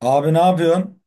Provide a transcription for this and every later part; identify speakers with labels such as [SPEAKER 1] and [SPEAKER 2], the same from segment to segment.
[SPEAKER 1] Abi ne yapıyorsun?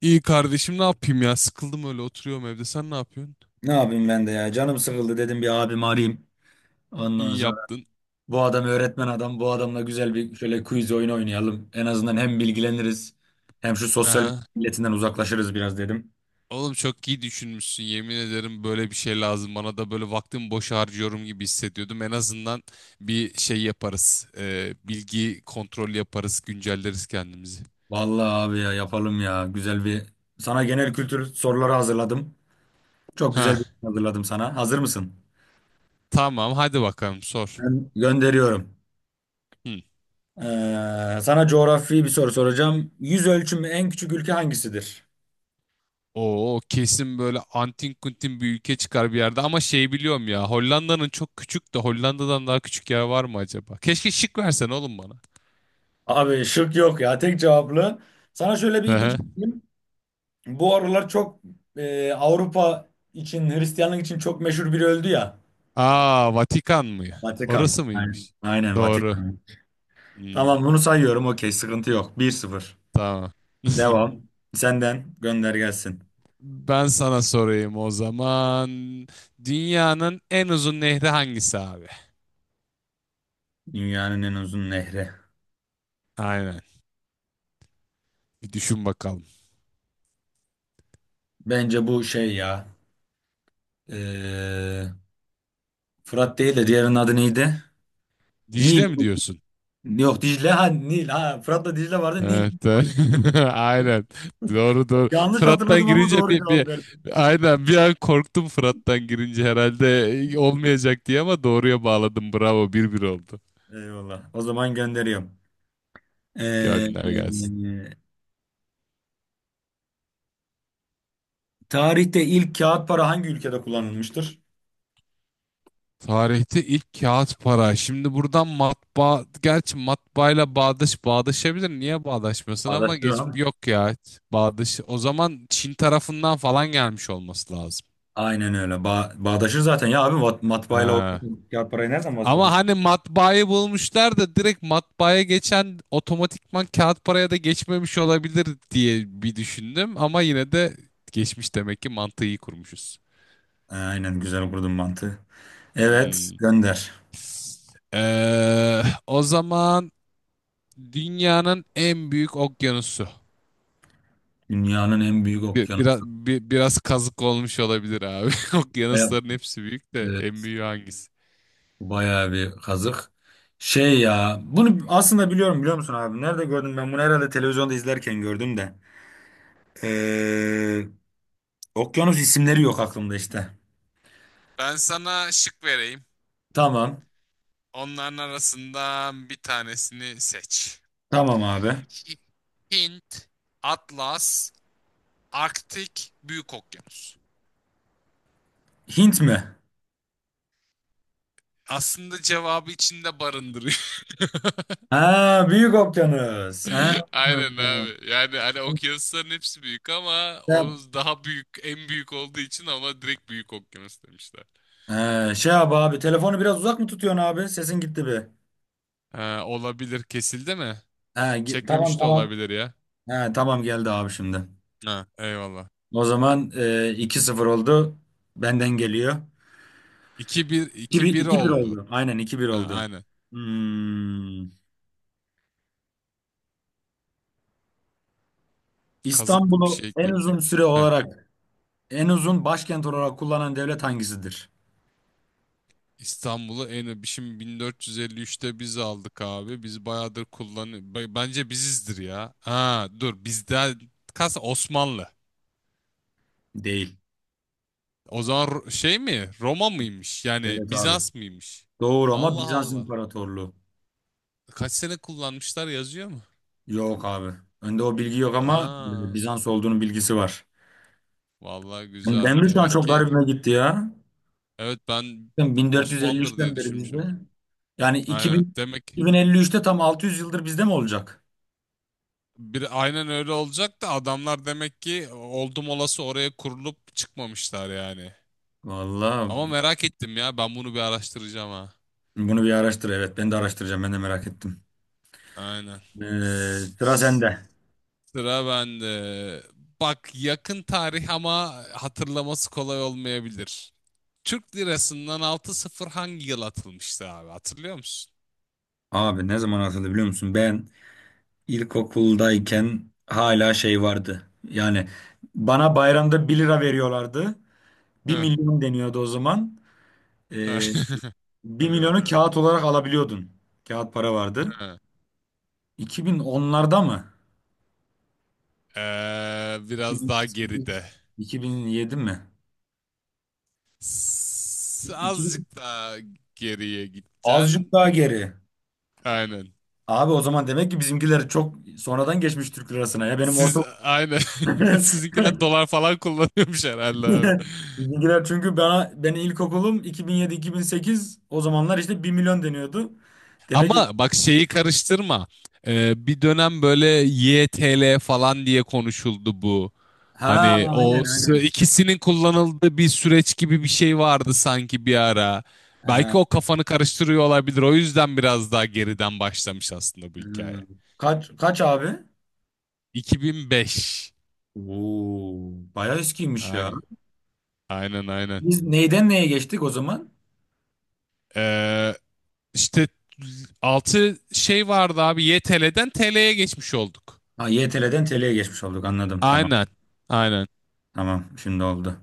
[SPEAKER 2] İyi kardeşim ne yapayım ya? Sıkıldım öyle oturuyorum evde. Sen ne yapıyorsun?
[SPEAKER 1] Ne yapayım ben de ya. Canım sıkıldı dedim bir abimi arayayım. Ondan
[SPEAKER 2] İyi
[SPEAKER 1] sonra
[SPEAKER 2] yaptın.
[SPEAKER 1] bu adam öğretmen adam. Bu adamla güzel bir şöyle quiz oyunu oynayalım. En azından hem bilgileniriz hem şu sosyal medya
[SPEAKER 2] Aha.
[SPEAKER 1] milletinden uzaklaşırız biraz dedim.
[SPEAKER 2] Oğlum çok iyi düşünmüşsün. Yemin ederim böyle bir şey lazım. Bana da böyle vaktimi boş harcıyorum gibi hissediyordum. En azından bir şey yaparız. Bilgi kontrol yaparız. Güncelleriz kendimizi.
[SPEAKER 1] Vallahi abi ya yapalım ya. Güzel bir Sana genel kültür soruları hazırladım. Çok güzel bir şey
[SPEAKER 2] Ha.
[SPEAKER 1] hazırladım sana. Hazır mısın?
[SPEAKER 2] Tamam, hadi bakalım sor.
[SPEAKER 1] Ben gönderiyorum.
[SPEAKER 2] Hı.
[SPEAKER 1] Sana coğrafi bir soru soracağım. Yüz ölçümü en küçük ülke hangisidir?
[SPEAKER 2] Oo, kesin böyle antin kuntin bir ülke çıkar bir yerde ama şey, biliyorum ya Hollanda'nın çok küçük de Hollanda'dan daha küçük yer var mı acaba? Keşke şık versen oğlum bana.
[SPEAKER 1] Abi şık yok ya, tek cevaplı. Sana şöyle bir ipucu vereyim. Bu aralar çok Avrupa için, Hristiyanlık için çok meşhur biri öldü ya.
[SPEAKER 2] Aa, Vatikan mı?
[SPEAKER 1] Vatikan.
[SPEAKER 2] Orası
[SPEAKER 1] Aynen,
[SPEAKER 2] mıymış?
[SPEAKER 1] aynen
[SPEAKER 2] Doğru.
[SPEAKER 1] Vatikan.
[SPEAKER 2] Hmm,
[SPEAKER 1] Tamam bunu sayıyorum, okey, sıkıntı yok. 1-0.
[SPEAKER 2] tamam.
[SPEAKER 1] Devam. Senden gönder gelsin.
[SPEAKER 2] Ben sana sorayım o zaman. Dünyanın en uzun nehri hangisi abi?
[SPEAKER 1] Dünyanın en uzun nehri.
[SPEAKER 2] Aynen. Bir düşün bakalım.
[SPEAKER 1] Bence bu şey ya. e, Fırat değil de diğerinin adı neydi? Nil.
[SPEAKER 2] Dicle mi diyorsun?
[SPEAKER 1] Yok, Dicle. Ha, Nil. Ha, Fırat'la Dicle vardı. Nil.
[SPEAKER 2] Evet. Evet. Aynen. Doğru doğru.
[SPEAKER 1] Yanlış
[SPEAKER 2] Fırat'tan
[SPEAKER 1] hatırladım ama
[SPEAKER 2] girince
[SPEAKER 1] doğru
[SPEAKER 2] bir,
[SPEAKER 1] cevap
[SPEAKER 2] bir
[SPEAKER 1] verdim.
[SPEAKER 2] aynen bir an korktum, Fırat'tan girince herhalde olmayacak diye, ama doğruya bağladım. Bravo. 1-1 oldu.
[SPEAKER 1] Eyvallah. O zaman gönderiyorum. Ee,
[SPEAKER 2] Gönder gelsin.
[SPEAKER 1] e, Tarihte ilk kağıt para hangi ülkede kullanılmıştır?
[SPEAKER 2] Tarihte ilk kağıt para. Şimdi buradan matbaa, gerçi matbaayla bağdaş bağdaşabilir. Niye bağdaşmasın, ama
[SPEAKER 1] Bağdaştır
[SPEAKER 2] geç
[SPEAKER 1] abi.
[SPEAKER 2] yok ya. Bağdaş. O zaman Çin tarafından falan gelmiş olması lazım.
[SPEAKER 1] Aynen öyle. Bağdaşır zaten ya abi. Matbaayla o
[SPEAKER 2] Ee,
[SPEAKER 1] kağıt parayı nereden
[SPEAKER 2] Ama
[SPEAKER 1] bahsediyorsun?
[SPEAKER 2] hani matbaayı bulmuşlar da direkt matbaaya geçen otomatikman kağıt paraya da geçmemiş olabilir diye bir düşündüm, ama yine de geçmiş demek ki, mantığı iyi kurmuşuz.
[SPEAKER 1] Aynen, güzel kurdun mantığı. Evet,
[SPEAKER 2] Hmm.
[SPEAKER 1] gönder.
[SPEAKER 2] O zaman dünyanın en büyük okyanusu.
[SPEAKER 1] Dünyanın en büyük
[SPEAKER 2] Bir- biraz
[SPEAKER 1] okyanusu.
[SPEAKER 2] bir- biraz kazık olmuş olabilir abi.
[SPEAKER 1] Baya-
[SPEAKER 2] Okyanusların hepsi büyük de en
[SPEAKER 1] Evet,
[SPEAKER 2] büyüğü hangisi?
[SPEAKER 1] bayağı bir kazık. Şey ya, bunu aslında biliyorum, biliyor musun abi? Nerede gördüm ben bunu, herhalde televizyonda izlerken gördüm de. Ee, Okyanus isimleri yok aklımda işte.
[SPEAKER 2] Ben sana şık vereyim.
[SPEAKER 1] Tamam.
[SPEAKER 2] Onların arasından bir tanesini seç.
[SPEAKER 1] Tamam abi.
[SPEAKER 2] Hi- Hint, Atlas, Arktik, Büyük Okyanus.
[SPEAKER 1] Hint mi?
[SPEAKER 2] Aslında cevabı içinde barındırıyor.
[SPEAKER 1] Ha, Büyük Okyanus. Ha.
[SPEAKER 2] Aynen abi. Yani hani okyanusların hepsi büyük ama
[SPEAKER 1] Ya-
[SPEAKER 2] o daha büyük, en büyük olduğu için ama direkt Büyük Okyanus demişler.
[SPEAKER 1] Ha, şey abi telefonu biraz uzak mı tutuyorsun abi? Sesin gitti bir.
[SPEAKER 2] Ha, olabilir, kesildi mi?
[SPEAKER 1] Ha, tamam
[SPEAKER 2] Çekmemiş de
[SPEAKER 1] tamam.
[SPEAKER 2] olabilir ya.
[SPEAKER 1] Ha, tamam geldi abi şimdi.
[SPEAKER 2] Ha, eyvallah.
[SPEAKER 1] O zaman 2-0 oldu. Benden geliyor.
[SPEAKER 2] 2 bir,
[SPEAKER 1] 2
[SPEAKER 2] iki
[SPEAKER 1] bir,
[SPEAKER 2] bir
[SPEAKER 1] iki bir
[SPEAKER 2] oldu.
[SPEAKER 1] oldu. Aynen, iki bir
[SPEAKER 2] Ha,
[SPEAKER 1] oldu.
[SPEAKER 2] aynen.
[SPEAKER 1] Hmm.
[SPEAKER 2] Kazık bir
[SPEAKER 1] İstanbul'u
[SPEAKER 2] şey
[SPEAKER 1] en uzun
[SPEAKER 2] gelecek.
[SPEAKER 1] süre
[SPEAKER 2] Heh.
[SPEAKER 1] olarak, en uzun başkent olarak kullanan devlet hangisidir?
[SPEAKER 2] İstanbul'u şimdi 1453'te biz aldık abi. Biz bayağıdır kullan bence bizizdir ya. Ha, dur bizden kas Osmanlı.
[SPEAKER 1] Değil.
[SPEAKER 2] O zaman Şey mi? Roma mıymış? Yani
[SPEAKER 1] Evet abi.
[SPEAKER 2] Bizans mıymış?
[SPEAKER 1] Doğru, ama
[SPEAKER 2] Allah
[SPEAKER 1] Bizans
[SPEAKER 2] Allah.
[SPEAKER 1] İmparatorluğu.
[SPEAKER 2] Kaç sene kullanmışlar, yazıyor mu?
[SPEAKER 1] Yok abi. Önde o bilgi yok ama
[SPEAKER 2] Aa,
[SPEAKER 1] Bizans olduğunun bilgisi var.
[SPEAKER 2] vallahi
[SPEAKER 1] Yani
[SPEAKER 2] güzel.
[SPEAKER 1] Demir, şu an
[SPEAKER 2] Demek
[SPEAKER 1] çok
[SPEAKER 2] ki.
[SPEAKER 1] garibime gitti ya.
[SPEAKER 2] Evet, ben
[SPEAKER 1] Ben
[SPEAKER 2] Osman'dır
[SPEAKER 1] 1453'ten
[SPEAKER 2] diye
[SPEAKER 1] beri
[SPEAKER 2] düşünmüşüm.
[SPEAKER 1] bizde. Yani
[SPEAKER 2] Aynen.
[SPEAKER 1] 2000,
[SPEAKER 2] Demek
[SPEAKER 1] 2053'te tam 600 yıldır bizde mi olacak?
[SPEAKER 2] bir aynen öyle olacak da adamlar demek ki oldum olası oraya kurulup çıkmamışlar yani. Ama
[SPEAKER 1] Vallahi
[SPEAKER 2] merak ettim ya, ben bunu bir araştıracağım ha.
[SPEAKER 1] bunu bir araştır. Evet, ben de araştıracağım. Ben de merak ettim.
[SPEAKER 2] Aynen.
[SPEAKER 1] Sıra sende.
[SPEAKER 2] Sıra bende. Bak, yakın tarih ama hatırlaması kolay olmayabilir. Türk lirasından altı sıfır hangi yıl atılmıştı abi, hatırlıyor musun?
[SPEAKER 1] Abi, ne zaman atıldı biliyor musun? Ben ilkokuldayken hala şey vardı. Yani bana bayramda bir lira veriyorlardı. Bir
[SPEAKER 2] Heh.
[SPEAKER 1] milyon deniyordu o zaman. Ee, Bir
[SPEAKER 2] Hadi
[SPEAKER 1] milyonu
[SPEAKER 2] bakalım.
[SPEAKER 1] kağıt olarak alabiliyordun. Kağıt para vardı.
[SPEAKER 2] Heh.
[SPEAKER 1] 2010'larda mı?
[SPEAKER 2] Biraz daha geride.
[SPEAKER 1] 2008, 2007 mi? 2000.
[SPEAKER 2] Azıcık daha geriye
[SPEAKER 1] Azıcık
[SPEAKER 2] gideceksin.
[SPEAKER 1] daha geri.
[SPEAKER 2] Aynen.
[SPEAKER 1] Abi, o zaman demek ki bizimkiler çok sonradan geçmiş Türk lirasına ya. Benim orta
[SPEAKER 2] Siz aynen. Sizinkiler dolar falan kullanıyormuş herhalde abi.
[SPEAKER 1] Bizimkiler, çünkü bana, benim ilkokulum 2007-2008, o zamanlar işte bir milyon deniyordu. Demek ki,
[SPEAKER 2] Ama bak şeyi karıştırma. Bir dönem böyle YTL falan diye konuşuldu bu.
[SPEAKER 1] ha,
[SPEAKER 2] Hani o
[SPEAKER 1] aynen aynen.
[SPEAKER 2] ikisinin kullanıldığı bir süreç gibi bir şey vardı sanki bir ara.
[SPEAKER 1] Ha,
[SPEAKER 2] Belki o kafanı karıştırıyor olabilir. O yüzden biraz daha geriden başlamış aslında bu hikaye.
[SPEAKER 1] ha. Kaç kaç abi?
[SPEAKER 2] 2005.
[SPEAKER 1] Oo, bayağı eskiymiş ya.
[SPEAKER 2] Aynen. Aynen aynen.
[SPEAKER 1] Biz neyden neye geçtik o zaman?
[SPEAKER 2] Ee, işte altı şey vardı abi. YTL'den TL'ye geçmiş olduk.
[SPEAKER 1] Ha, YTL'den TL'ye geçmiş olduk, anladım, tamam.
[SPEAKER 2] Aynen. Aynen.
[SPEAKER 1] Tamam şimdi oldu.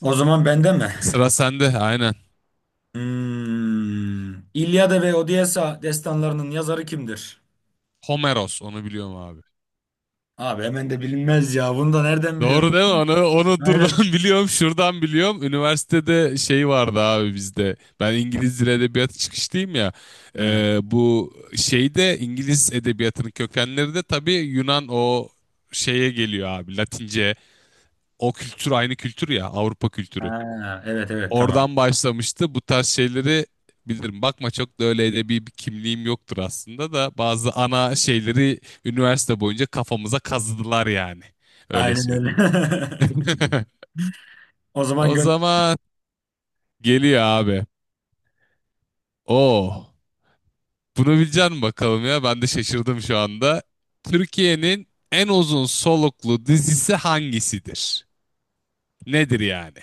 [SPEAKER 1] O zaman bende mi?
[SPEAKER 2] Sıra sende. Aynen.
[SPEAKER 1] Hmm. İlyada ve Odysseia destanlarının yazarı kimdir?
[SPEAKER 2] Homeros, onu biliyorum abi.
[SPEAKER 1] Abi hemen de bilinmez ya. Bunu da nereden biliyorsun?
[SPEAKER 2] Doğru değil mi? Onu dur ben
[SPEAKER 1] Aynen.
[SPEAKER 2] biliyorum. Şuradan biliyorum. Üniversitede şey vardı abi bizde. Ben İngiliz Dili Edebiyatı çıkışlıyım ya.
[SPEAKER 1] Ha.
[SPEAKER 2] Bu şeyde İngiliz edebiyatının kökenleri de tabii Yunan o şeye geliyor abi. Latince. O kültür aynı kültür ya, Avrupa kültürü.
[SPEAKER 1] Ha, evet evet, tamam.
[SPEAKER 2] Oradan başlamıştı, bu tarz şeyleri bilirim. Bakma, çok da öyle edebi bir kimliğim yoktur aslında da bazı ana şeyleri üniversite boyunca kafamıza kazıdılar yani. Öyle
[SPEAKER 1] Aynen öyle.
[SPEAKER 2] söyleyeyim.
[SPEAKER 1] O zaman
[SPEAKER 2] O
[SPEAKER 1] gönder.
[SPEAKER 2] zaman geliyor abi. Oo, bunu bilecek misin bakalım ya? Ben de şaşırdım şu anda. Türkiye'nin en uzun soluklu dizisi hangisidir? Nedir yani?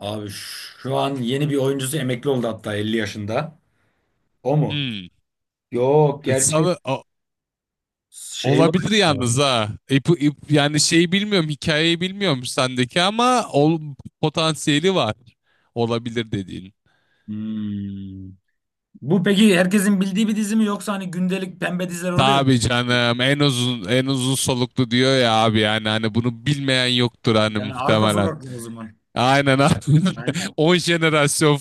[SPEAKER 1] Abi, şu an yeni bir oyuncusu emekli oldu, hatta 50 yaşında. O mu?
[SPEAKER 2] Hmm.
[SPEAKER 1] Yok gerçi,
[SPEAKER 2] Sana...
[SPEAKER 1] şey var.
[SPEAKER 2] Olabilir yalnız ha. Yani şeyi bilmiyorum, hikayeyi bilmiyorum sendeki ama potansiyeli var. Olabilir dediğin.
[SPEAKER 1] Hmm. Bu peki, herkesin bildiği bir dizi mi, yoksa hani gündelik pembe diziler oluyor.
[SPEAKER 2] Tabii canım, en uzun soluklu diyor ya abi, yani hani bunu bilmeyen yoktur hani
[SPEAKER 1] Yani arka
[SPEAKER 2] muhtemelen.
[SPEAKER 1] sokaklı o zaman.
[SPEAKER 2] Aynen abi.
[SPEAKER 1] Aynen.
[SPEAKER 2] 10 jenerasyon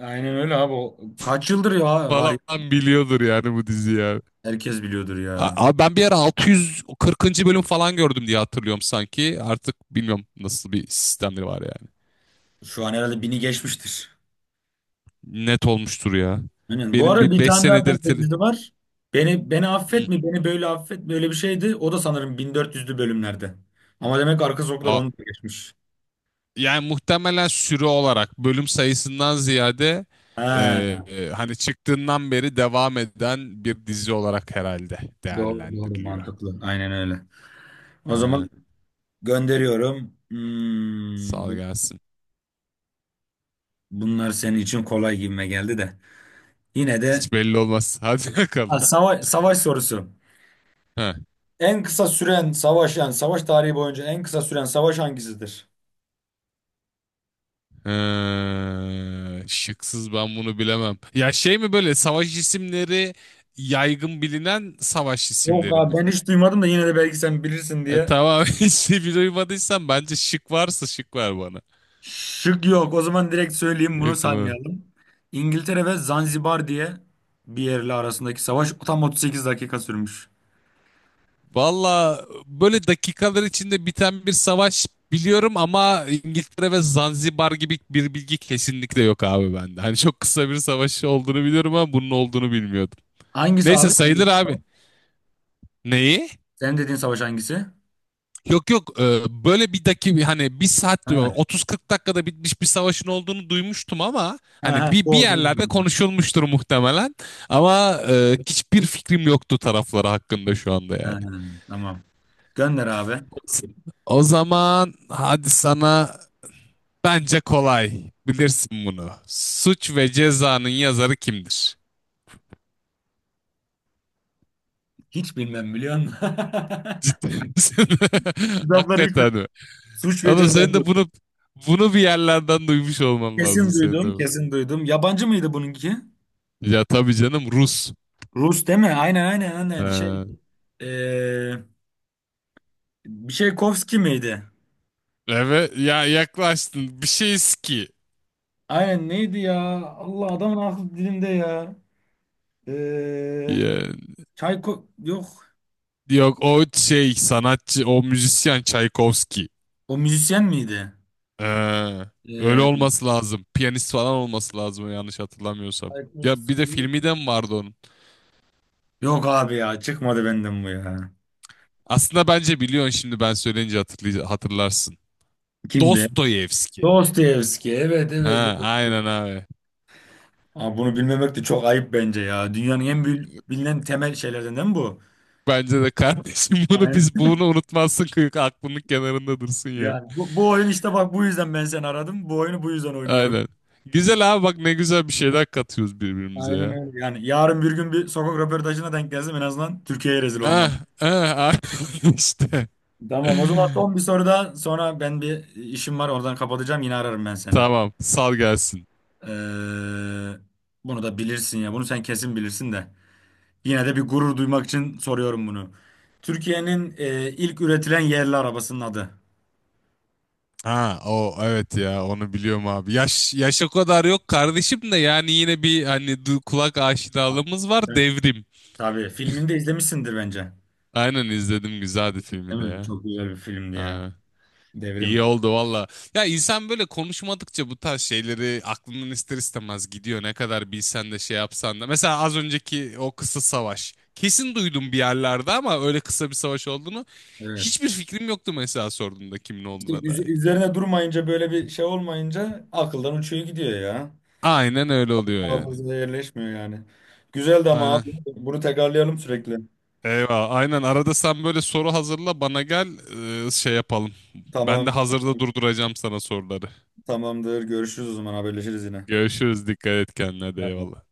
[SPEAKER 1] Aynen öyle abi. O kaç yıldır ya var
[SPEAKER 2] falan
[SPEAKER 1] ya.
[SPEAKER 2] biliyordur yani bu diziyi abi.
[SPEAKER 1] Herkes biliyordur ya.
[SPEAKER 2] Abi ben bir ara 640. bölüm falan gördüm diye hatırlıyorum sanki. Artık bilmiyorum nasıl bir sistemleri var yani.
[SPEAKER 1] Şu an herhalde bini geçmiştir.
[SPEAKER 2] Net olmuştur ya.
[SPEAKER 1] Aynen. Bu
[SPEAKER 2] Benim
[SPEAKER 1] arada
[SPEAKER 2] bir
[SPEAKER 1] bir
[SPEAKER 2] beş
[SPEAKER 1] tane daha
[SPEAKER 2] senedir
[SPEAKER 1] pembe
[SPEAKER 2] tele-
[SPEAKER 1] dizi var. Beni
[SPEAKER 2] Hı.
[SPEAKER 1] affet mi? Beni böyle affet mi? Öyle bir şeydi. O da sanırım 1400'lü bölümlerde. Ama demek arka sokaklar
[SPEAKER 2] Aa,
[SPEAKER 1] onu da geçmiş.
[SPEAKER 2] yani muhtemelen süre olarak bölüm sayısından ziyade e,
[SPEAKER 1] Ha,
[SPEAKER 2] hani çıktığından beri devam eden bir dizi olarak herhalde
[SPEAKER 1] doğru doğru,
[SPEAKER 2] değerlendiriliyor.
[SPEAKER 1] mantıklı. Aynen öyle. O
[SPEAKER 2] Aynen.
[SPEAKER 1] zaman gönderiyorum.
[SPEAKER 2] Sağ
[SPEAKER 1] Hmm,
[SPEAKER 2] ol, gelsin.
[SPEAKER 1] bunlar senin için kolay gibime geldi de. Yine de...
[SPEAKER 2] Hiç belli olmaz. Hadi
[SPEAKER 1] Ha,
[SPEAKER 2] bakalım.
[SPEAKER 1] savaş, savaş sorusu.
[SPEAKER 2] Ha.
[SPEAKER 1] En kısa süren savaş, yani savaş tarihi boyunca en kısa süren savaş hangisidir?
[SPEAKER 2] Şıksız ben bunu bilemem. Ya şey mi, böyle savaş isimleri, yaygın bilinen savaş
[SPEAKER 1] Yok
[SPEAKER 2] isimleri mi?
[SPEAKER 1] abi, ben hiç duymadım, da yine de belki sen bilirsin diye.
[SPEAKER 2] Tamam, işte bir duymadıysan bence şık varsa şık ver bana.
[SPEAKER 1] Şık yok. O zaman direkt söyleyeyim, bunu
[SPEAKER 2] Yok mu?
[SPEAKER 1] saymayalım. İngiltere ve Zanzibar diye bir yerle arasındaki savaş tam 38 dakika sürmüş.
[SPEAKER 2] Valla böyle dakikalar içinde biten bir savaş biliyorum ama İngiltere ve Zanzibar gibi bir bilgi kesinlikle yok abi bende. Hani çok kısa bir savaş olduğunu biliyorum ama bunun olduğunu bilmiyordum.
[SPEAKER 1] Hangisi
[SPEAKER 2] Neyse,
[SPEAKER 1] abi?
[SPEAKER 2] sayılır abi. Neyi?
[SPEAKER 1] Senin dediğin savaş hangisi?
[SPEAKER 2] Yok yok, böyle bir dakika, hani bir saat diyor,
[SPEAKER 1] Ha.
[SPEAKER 2] 30-40 dakikada bitmiş bir savaşın olduğunu duymuştum ama
[SPEAKER 1] Ha,
[SPEAKER 2] hani
[SPEAKER 1] ha,
[SPEAKER 2] bir
[SPEAKER 1] bu
[SPEAKER 2] bir
[SPEAKER 1] olduğunu
[SPEAKER 2] yerlerde
[SPEAKER 1] bilmiyordum.
[SPEAKER 2] konuşulmuştur muhtemelen ama hiçbir fikrim yoktu tarafları hakkında şu anda
[SPEAKER 1] Ha,
[SPEAKER 2] yani.
[SPEAKER 1] tamam. Gönder abi.
[SPEAKER 2] O zaman hadi, sana bence kolay, bilirsin bunu. Suç ve Ceza'nın yazarı kimdir?
[SPEAKER 1] Hiç bilmem, biliyor musun?
[SPEAKER 2] Ciddi misin?
[SPEAKER 1] Kitapları hiç bilmem.
[SPEAKER 2] Hakikaten mi?
[SPEAKER 1] Suç ve
[SPEAKER 2] Ama
[SPEAKER 1] Ceza.
[SPEAKER 2] sen de bunu bir yerlerden duymuş olman lazım
[SPEAKER 1] Kesin
[SPEAKER 2] senin de.
[SPEAKER 1] duydum, kesin duydum. Yabancı mıydı bununki?
[SPEAKER 2] Ya tabii canım, Rus.
[SPEAKER 1] Rus değil mi? Aynen aynen aynen. Şey,
[SPEAKER 2] Ha,
[SPEAKER 1] eee bir şey Kovski miydi?
[SPEAKER 2] evet ya, yaklaştın bir şey ki.
[SPEAKER 1] Aynen, neydi ya? Allah, adamın aklı dilimde ya. Eee
[SPEAKER 2] Ya,
[SPEAKER 1] Çayko, yok.
[SPEAKER 2] yok, o şey sanatçı, o müzisyen Çaykovski.
[SPEAKER 1] O müzisyen miydi?
[SPEAKER 2] Ha, öyle
[SPEAKER 1] Eee
[SPEAKER 2] olması lazım. Piyanist falan olması lazım, yanlış hatırlamıyorsam. Ya bir de
[SPEAKER 1] Çaykovski.
[SPEAKER 2] filmi de mi vardı onun?
[SPEAKER 1] Yok abi ya, çıkmadı benden bu ya.
[SPEAKER 2] Aslında bence biliyorsun, şimdi ben söyleyince hatırlarsın.
[SPEAKER 1] Kimdi?
[SPEAKER 2] Dostoyevski.
[SPEAKER 1] Dostoyevski. Evet evet
[SPEAKER 2] Ha,
[SPEAKER 1] evet.
[SPEAKER 2] aynen abi.
[SPEAKER 1] Abi, bunu bilmemek de çok ayıp bence ya. Dünyanın en bilinen temel şeylerden değil mi bu?
[SPEAKER 2] Bence de kardeşim, bunu unutmazsın, kıyık aklının kenarında dursun ya.
[SPEAKER 1] Yani bu oyun, işte bak, bu yüzden ben seni aradım. Bu oyunu bu yüzden oynuyorum.
[SPEAKER 2] Aynen. Güzel abi, bak ne güzel bir şeyler katıyoruz birbirimize
[SPEAKER 1] Aynen
[SPEAKER 2] ya.
[SPEAKER 1] öyle. Yani yarın bir gün bir sokak röportajına denk gelsem, en azından Türkiye'ye rezil olmam.
[SPEAKER 2] Ah, ah, ah. işte.
[SPEAKER 1] Tamam, o zaman son bir soru daha. Sonra ben, bir işim var, oradan kapatacağım. Yine ararım ben seni.
[SPEAKER 2] Tamam, sal gelsin.
[SPEAKER 1] Ee, Bunu da bilirsin ya. Bunu sen kesin bilirsin de. Yine de bir gurur duymak için soruyorum bunu. Türkiye'nin ilk üretilen yerli arabasının adı.
[SPEAKER 2] Ha, o evet ya, onu biliyorum abi. Yaş yaş o kadar yok kardeşim de, yani yine bir hani kulak aşinalığımız var,
[SPEAKER 1] Evet.
[SPEAKER 2] devrim.
[SPEAKER 1] Tabii filmini de izlemişsindir bence.
[SPEAKER 2] Aynen, izledim, güzeldi filmi
[SPEAKER 1] Değil
[SPEAKER 2] de
[SPEAKER 1] mi?
[SPEAKER 2] ya.
[SPEAKER 1] Çok güzel bir filmdi ya.
[SPEAKER 2] Aynen.
[SPEAKER 1] Devrim.
[SPEAKER 2] İyi oldu valla. Ya insan böyle konuşmadıkça bu tarz şeyleri aklından ister istemez gidiyor. Ne kadar bilsen de, şey yapsan da. Mesela az önceki o kısa savaş. Kesin duydum bir yerlerde ama öyle kısa bir savaş olduğunu,
[SPEAKER 1] Evet.
[SPEAKER 2] hiçbir fikrim yoktu mesela sorduğunda kimin
[SPEAKER 1] İşte
[SPEAKER 2] olduğuna dair.
[SPEAKER 1] üzerine durmayınca, böyle bir şey olmayınca akıldan uçuyor gidiyor ya.
[SPEAKER 2] Aynen öyle oluyor yani.
[SPEAKER 1] Hafızada yerleşmiyor yani. Güzeldi ama
[SPEAKER 2] Aynen.
[SPEAKER 1] abi, bunu tekrarlayalım sürekli.
[SPEAKER 2] Eyvah. Aynen, arada sen böyle soru hazırla bana gel, şey yapalım. Ben de
[SPEAKER 1] Tamam,
[SPEAKER 2] hazırda durduracağım sana soruları.
[SPEAKER 1] tamamdır. Görüşürüz o zaman, haberleşiriz yine.
[SPEAKER 2] Görüşürüz. Dikkat et kendine. De
[SPEAKER 1] Aynen.
[SPEAKER 2] eyvallah.